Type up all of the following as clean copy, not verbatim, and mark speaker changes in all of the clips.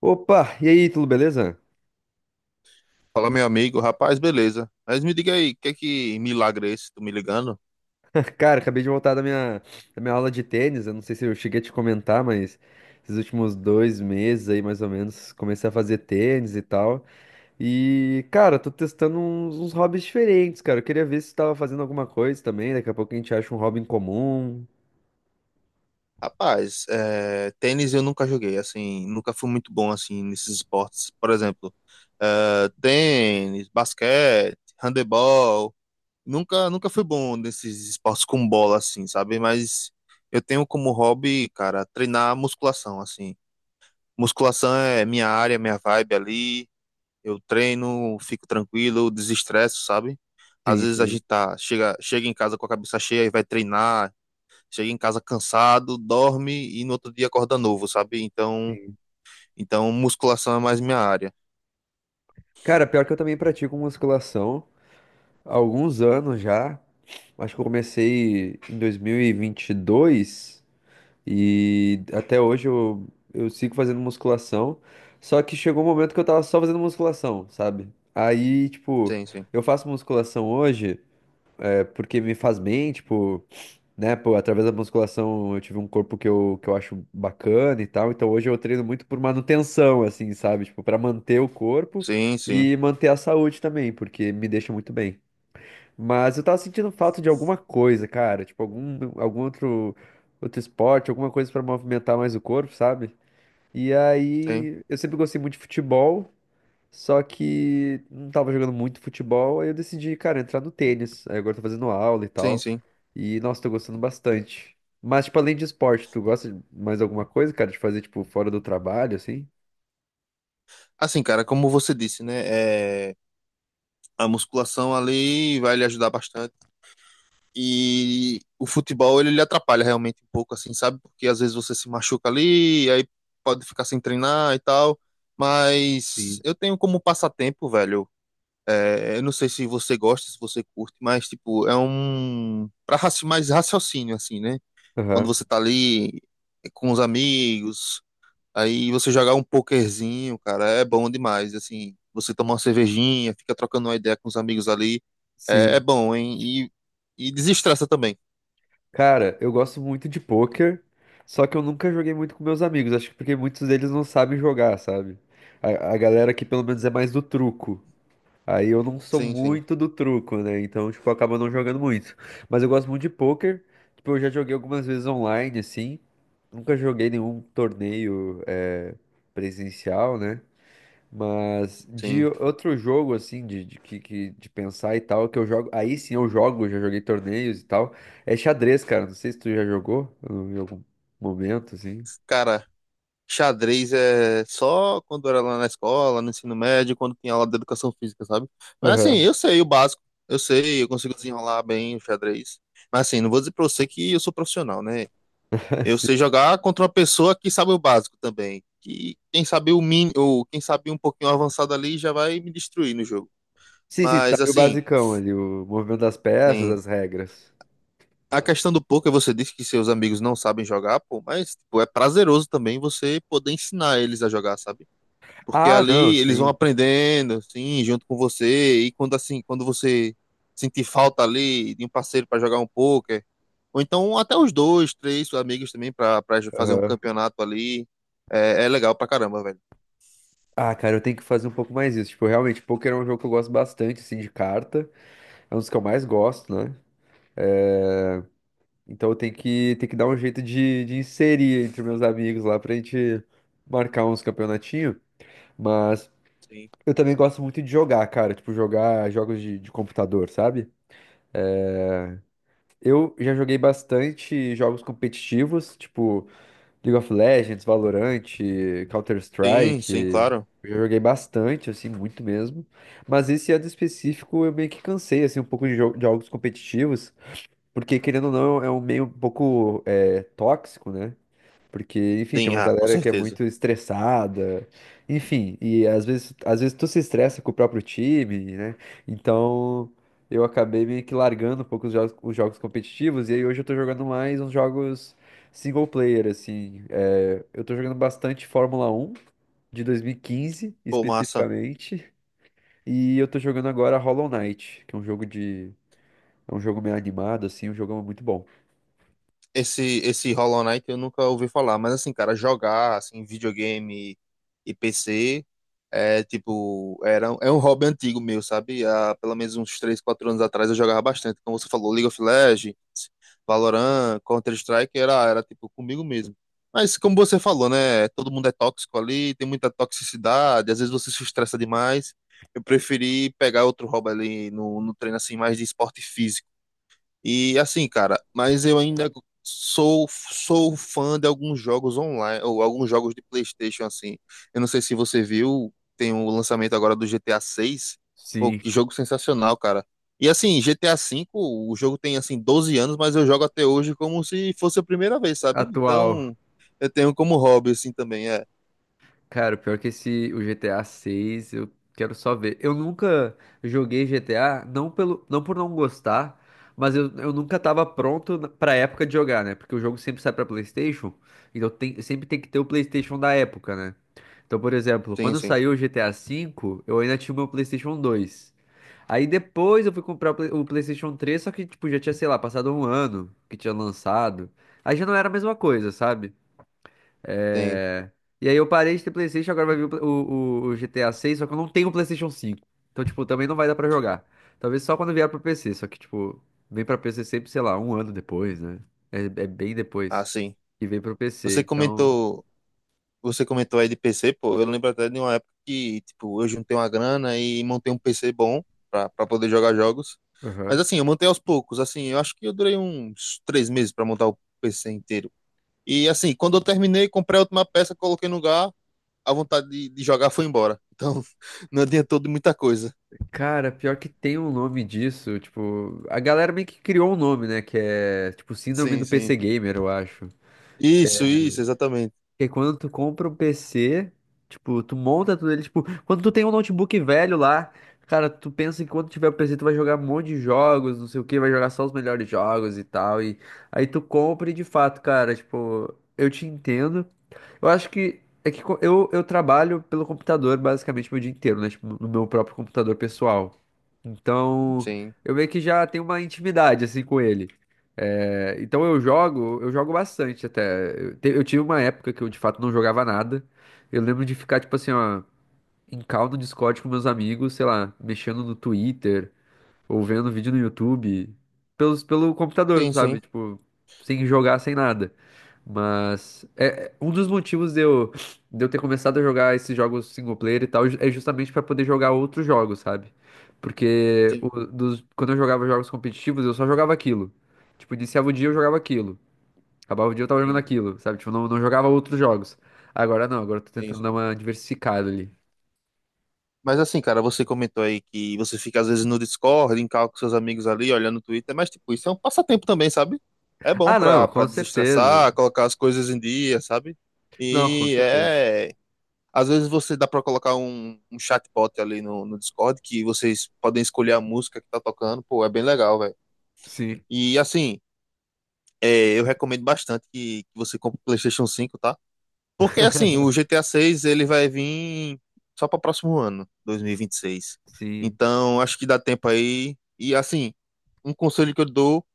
Speaker 1: Opa, e aí, tudo beleza?
Speaker 2: Fala, meu amigo, rapaz, beleza. Mas me diga aí, que é que milagre é esse? Tu me ligando?
Speaker 1: Cara, acabei de voltar da minha aula de tênis. Eu não sei se eu cheguei a te comentar, mas esses últimos 2 meses aí, mais ou menos, comecei a fazer tênis e tal. E, cara, tô testando uns hobbies diferentes, cara. Eu queria ver se tu tava fazendo alguma coisa também. Daqui a pouco a gente acha um hobby em comum.
Speaker 2: Rapaz, é, tênis eu nunca joguei, assim, nunca fui muito bom, assim, nesses esportes. Por exemplo, é, tênis, basquete, handebol. Nunca fui bom nesses esportes com bola, assim, sabe? Mas eu tenho como hobby, cara, treinar musculação, assim. Musculação é minha área, minha vibe ali. Eu treino, fico tranquilo, desestresso, sabe? Às
Speaker 1: Sim,
Speaker 2: vezes a
Speaker 1: sim.
Speaker 2: gente tá, chega em casa com a cabeça cheia e vai treinar, chega em casa cansado, dorme e no outro dia acorda novo, sabe? Então, musculação é mais minha área.
Speaker 1: Cara, pior que eu também pratico musculação há alguns anos já. Acho que eu comecei em 2022. E até hoje eu sigo fazendo musculação. Só que chegou um momento que eu tava só fazendo musculação, sabe? Aí, tipo,
Speaker 2: Sim, sim.
Speaker 1: eu faço musculação hoje é porque me faz bem, tipo, né? Pô, através da musculação eu tive um corpo que eu acho bacana e tal. Então hoje eu treino muito por manutenção, assim, sabe? Tipo, pra manter o corpo
Speaker 2: Sim, sim.
Speaker 1: e manter a saúde também, porque me deixa muito bem. Mas eu tava sentindo falta de alguma coisa, cara. Tipo, algum outro esporte, alguma coisa pra movimentar mais o corpo, sabe? E
Speaker 2: Tem.
Speaker 1: aí, eu sempre gostei muito de futebol, só que não tava jogando muito futebol, aí eu decidi, cara, entrar no tênis. Aí agora eu tô fazendo aula e
Speaker 2: Sim,
Speaker 1: tal.
Speaker 2: sim.
Speaker 1: E, nossa, tô gostando bastante. Mas, tipo, além de esporte, tu gosta de mais alguma coisa, cara, de fazer, tipo, fora do trabalho, assim?
Speaker 2: Assim, cara, como você disse, né? É, a musculação ali vai lhe ajudar bastante. E o futebol ele lhe atrapalha realmente um pouco, assim, sabe? Porque às vezes você se machuca ali, aí pode ficar sem treinar e tal. Mas
Speaker 1: Sim.
Speaker 2: eu tenho como passatempo, velho. É, eu não sei se você gosta, se você curte, mas tipo, é um para mais raciocínio assim, né? Quando
Speaker 1: Aham.
Speaker 2: você tá ali com os amigos, aí você jogar um pokerzinho, cara, é bom demais, assim. Você tomar uma cervejinha, fica trocando uma ideia com os amigos ali, é, é
Speaker 1: Sim.
Speaker 2: bom, hein? E desestressa também.
Speaker 1: Cara, eu gosto muito de pôquer, só que eu nunca joguei muito com meus amigos. Acho que porque muitos deles não sabem jogar, sabe? A galera aqui pelo menos é mais do truco. Aí eu não sou
Speaker 2: Sim, sim,
Speaker 1: muito do truco, né? Então, tipo, eu acabo não jogando muito. Mas eu gosto muito de pôquer. Tipo, eu já joguei algumas vezes online, assim. Nunca joguei nenhum torneio, presencial, né? Mas de
Speaker 2: sim.
Speaker 1: outro jogo, assim, de pensar e tal, que eu jogo. Aí sim eu jogo, já joguei torneios e tal. É xadrez, cara. Não sei se tu já jogou em algum momento, assim.
Speaker 2: Cara, xadrez é só quando era lá na escola, no ensino médio, quando tinha aula de educação física, sabe? Mas assim,
Speaker 1: Aham.
Speaker 2: eu sei o básico, eu sei, eu consigo desenrolar bem o xadrez. Mas assim, não vou dizer pra você que eu sou profissional, né? Eu
Speaker 1: Sim,
Speaker 2: sei jogar contra uma pessoa que sabe o básico também. Que quem sabe o mínimo, ou quem sabe um pouquinho avançado ali já vai me destruir no jogo.
Speaker 1: sim, sim, tu
Speaker 2: Mas
Speaker 1: sabe o
Speaker 2: assim,
Speaker 1: basicão ali, o movimento das peças,
Speaker 2: sim.
Speaker 1: as regras.
Speaker 2: A questão do poker, você disse que seus amigos não sabem jogar, pô, mas tipo, é prazeroso também você poder ensinar eles a jogar, sabe? Porque
Speaker 1: Ah, não,
Speaker 2: ali eles vão
Speaker 1: sim.
Speaker 2: aprendendo, assim, junto com você, e quando assim, quando você sentir falta ali de um parceiro para jogar um poker, ou então até os dois, três amigos também para fazer um
Speaker 1: Aham.
Speaker 2: campeonato ali, é, é legal pra caramba, velho.
Speaker 1: Ah, cara, eu tenho que fazer um pouco mais isso. Tipo, realmente, poker é um jogo que eu gosto bastante, assim, de carta. É um dos que eu mais gosto, né? Então eu tenho que dar um jeito de inserir entre meus amigos lá pra gente marcar uns campeonatinhos. Mas
Speaker 2: Sim.
Speaker 1: eu também gosto muito de jogar, cara. Tipo, jogar jogos de computador, sabe? Eu já joguei bastante jogos competitivos, tipo League of Legends, Valorant,
Speaker 2: Sim, sim,
Speaker 1: Counter-Strike.
Speaker 2: claro.
Speaker 1: Eu já joguei bastante, assim, muito mesmo. Mas esse ano específico eu meio que cansei, assim, um pouco de de jogos competitivos. Porque, querendo ou não, é um meio um pouco tóxico, né? Porque, enfim, tem
Speaker 2: Tem,
Speaker 1: uma
Speaker 2: ah, com
Speaker 1: galera que é
Speaker 2: certeza.
Speaker 1: muito estressada, enfim, e às vezes tu se estressa com o próprio time, né? Então eu acabei meio que largando um pouco os jogos competitivos, e aí hoje eu tô jogando mais uns jogos single player, assim. É, eu tô jogando bastante Fórmula 1 de 2015,
Speaker 2: Pô, massa.
Speaker 1: especificamente, e eu tô jogando agora Hollow Knight, que é um jogo de. É um jogo meio animado, assim, um jogo muito bom.
Speaker 2: Esse Hollow Knight eu nunca ouvi falar, mas assim, cara, jogar assim, videogame e PC é tipo, era, é um hobby antigo meu, sabe? Há pelo menos uns 3 4 anos atrás eu jogava bastante. Como você falou, League of Legends, Valorant, Counter-Strike, era, era tipo comigo mesmo. Mas como você falou, né? Todo mundo é tóxico ali, tem muita toxicidade, às vezes você se estressa demais. Eu preferi pegar outro hobby ali no treino assim, mais de esporte físico e assim, cara, mas eu ainda sou fã de alguns jogos online, ou alguns jogos de PlayStation assim. Eu não sei se você viu, tem o lançamento agora do GTA 6. Pô,
Speaker 1: Sim,
Speaker 2: que jogo sensacional, cara. E assim, GTA 5, o jogo tem assim 12 anos, mas eu jogo até hoje como se fosse a primeira vez, sabe?
Speaker 1: atual.
Speaker 2: Então, eu tenho como hobby assim também, é.
Speaker 1: Cara, o pior é que esse, o GTA 6, eu quero só ver. Eu nunca joguei GTA, não pelo, não por não gostar, mas eu nunca tava pronto pra época de jogar, né? Porque o jogo sempre sai pra PlayStation, então tem, sempre tem que ter o PlayStation da época, né? Então, por exemplo,
Speaker 2: Sim,
Speaker 1: quando
Speaker 2: sim,
Speaker 1: saiu o GTA V, eu ainda tinha o meu PlayStation 2. Aí depois eu fui comprar o o PlayStation 3, só que, tipo, já tinha, sei lá, passado um ano que tinha lançado. Aí já não era a mesma coisa, sabe?
Speaker 2: tem.
Speaker 1: É. E aí eu parei de ter PlayStation, agora vai vir o, Pla- o GTA 6, só que eu não tenho o PlayStation 5. Então, tipo, também não vai dar pra jogar. Talvez só quando vier pro PC, só que, tipo, vem pra PC sempre, sei lá, um ano depois, né? É bem
Speaker 2: Ah,
Speaker 1: depois
Speaker 2: sim.
Speaker 1: que vem pro PC,
Speaker 2: Você
Speaker 1: então...
Speaker 2: comentou Você comentou aí de PC, pô, eu lembro até de uma época que, tipo, eu juntei uma grana e montei um PC bom pra poder jogar jogos. Mas
Speaker 1: Aham.
Speaker 2: assim, eu montei aos poucos, assim, eu acho que eu durei uns três meses pra montar o PC inteiro. E assim, quando eu terminei, comprei a última peça, coloquei no lugar, a vontade de jogar foi embora. Então, não adiantou de muita coisa.
Speaker 1: Cara, pior que tem um nome disso, tipo... A galera meio que criou um nome, né? Que é, tipo, Síndrome
Speaker 2: Sim,
Speaker 1: do
Speaker 2: sim.
Speaker 1: PC Gamer, eu acho.
Speaker 2: Isso, exatamente.
Speaker 1: Porque quando tu compra um PC, tipo, tu monta tudo ele, tipo, quando tu tem um notebook velho lá, cara, tu pensa que quando tiver o PC tu vai jogar um monte de jogos, não sei o que, vai jogar só os melhores jogos e tal, e aí tu compra e de fato, cara, tipo, eu te entendo, eu acho que é eu trabalho pelo computador basicamente meu dia inteiro, né? Tipo, no meu próprio computador pessoal. Então,
Speaker 2: Sim,
Speaker 1: eu meio que já tenho uma intimidade assim com ele. É, então eu jogo bastante até. Eu tive uma época que eu de fato não jogava nada. Eu lembro de ficar, tipo assim, ó, em call no Discord com meus amigos, sei lá, mexendo no Twitter, ou vendo vídeo no YouTube, pelo computador,
Speaker 2: sim, sim.
Speaker 1: sabe? Tipo, sem jogar, sem nada. Mas um dos motivos de eu ter começado a jogar esses jogos single player e tal é justamente para poder jogar outros jogos, sabe? Porque
Speaker 2: Sim, sim,
Speaker 1: quando eu jogava jogos competitivos, eu só jogava aquilo. Tipo, iniciava o dia eu jogava aquilo. Acabava o dia eu tava jogando
Speaker 2: sim,
Speaker 1: aquilo, sabe? Tipo, não, não jogava outros jogos. Agora não, agora eu tô
Speaker 2: sim,
Speaker 1: tentando dar
Speaker 2: sim.
Speaker 1: uma diversificada ali.
Speaker 2: Mas assim, cara, você comentou aí que você fica às vezes no Discord, em call com seus amigos ali, olhando o Twitter, mas tipo, isso é um passatempo também, sabe? É bom
Speaker 1: Ah, não,
Speaker 2: pra
Speaker 1: com certeza.
Speaker 2: desestressar, colocar as coisas em dia, sabe?
Speaker 1: Não, com
Speaker 2: E
Speaker 1: certeza.
Speaker 2: é. Às vezes você dá pra colocar um chatbot ali no Discord que vocês podem escolher a música que tá tocando, pô, é bem legal, velho.
Speaker 1: Sim,
Speaker 2: E assim, é, eu recomendo bastante que você compre o PlayStation 5, tá? Porque assim, o GTA 6 ele vai vir só para o próximo ano, 2026.
Speaker 1: sim.
Speaker 2: Então, acho que dá tempo aí. E assim, um conselho que eu dou,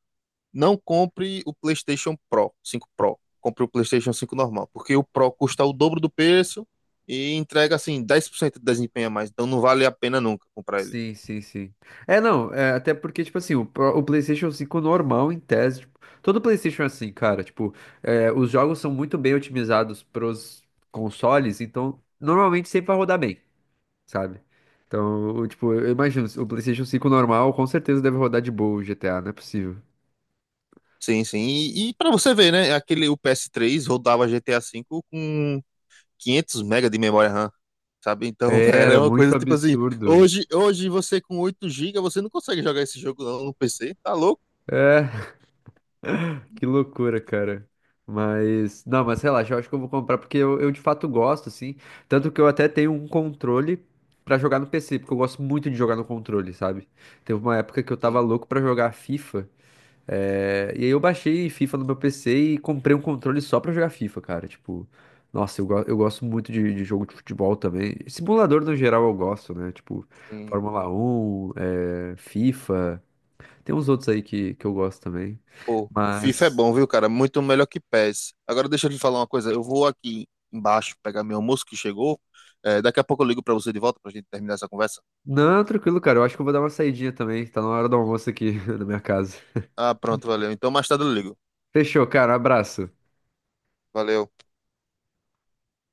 Speaker 2: não compre o PlayStation Pro, 5 Pro. Compre o PlayStation 5 normal, porque o Pro custa o dobro do preço e entrega assim 10% de desempenho a mais. Então não vale a pena nunca comprar ele.
Speaker 1: Sim, sim, sim. É, não, é, até porque, tipo assim, o PlayStation 5 normal, em tese, tipo, todo PlayStation é assim, cara, tipo, os jogos são muito bem otimizados pros consoles, então, normalmente sempre vai rodar bem, sabe? Então, tipo, eu imagino, o PlayStation 5 normal com certeza deve rodar de boa o GTA, não é possível.
Speaker 2: Sim, sim. E para você ver, né, aquele o PS3 rodava GTA 5 com 500 mega de memória RAM, sabe? Então era
Speaker 1: Era
Speaker 2: uma coisa
Speaker 1: muito
Speaker 2: tipo assim,
Speaker 1: absurdo.
Speaker 2: hoje você com 8 gigas, você não consegue jogar esse jogo não no PC, tá louco?
Speaker 1: É. Que loucura, cara. Mas, não, mas relaxa, eu acho que eu vou comprar porque eu de fato gosto, assim. Tanto que eu até tenho um controle pra jogar no PC, porque eu gosto muito de jogar no controle, sabe? Teve uma época que eu tava
Speaker 2: Tem,
Speaker 1: louco pra jogar FIFA, e aí eu baixei FIFA no meu PC e comprei um controle só pra jogar FIFA, cara. Tipo, nossa, eu gosto muito de jogo de futebol também. Simulador no geral eu gosto, né? Tipo,
Speaker 2: tem.
Speaker 1: Fórmula 1, FIFA, tem uns outros aí que eu gosto também.
Speaker 2: Pô, FIFA é
Speaker 1: Mas.
Speaker 2: bom, viu, cara? Muito melhor que PES. Agora deixa eu lhe falar uma coisa, eu vou aqui embaixo pegar meu almoço que chegou, é, daqui a pouco eu ligo pra você de volta pra gente terminar essa conversa.
Speaker 1: Não, tranquilo, cara. Eu acho que eu vou dar uma saidinha também. Tá na hora do almoço aqui na minha casa.
Speaker 2: Ah, pronto, valeu. Então mais tarde eu ligo.
Speaker 1: Fechou, cara. Um abraço.
Speaker 2: Valeu.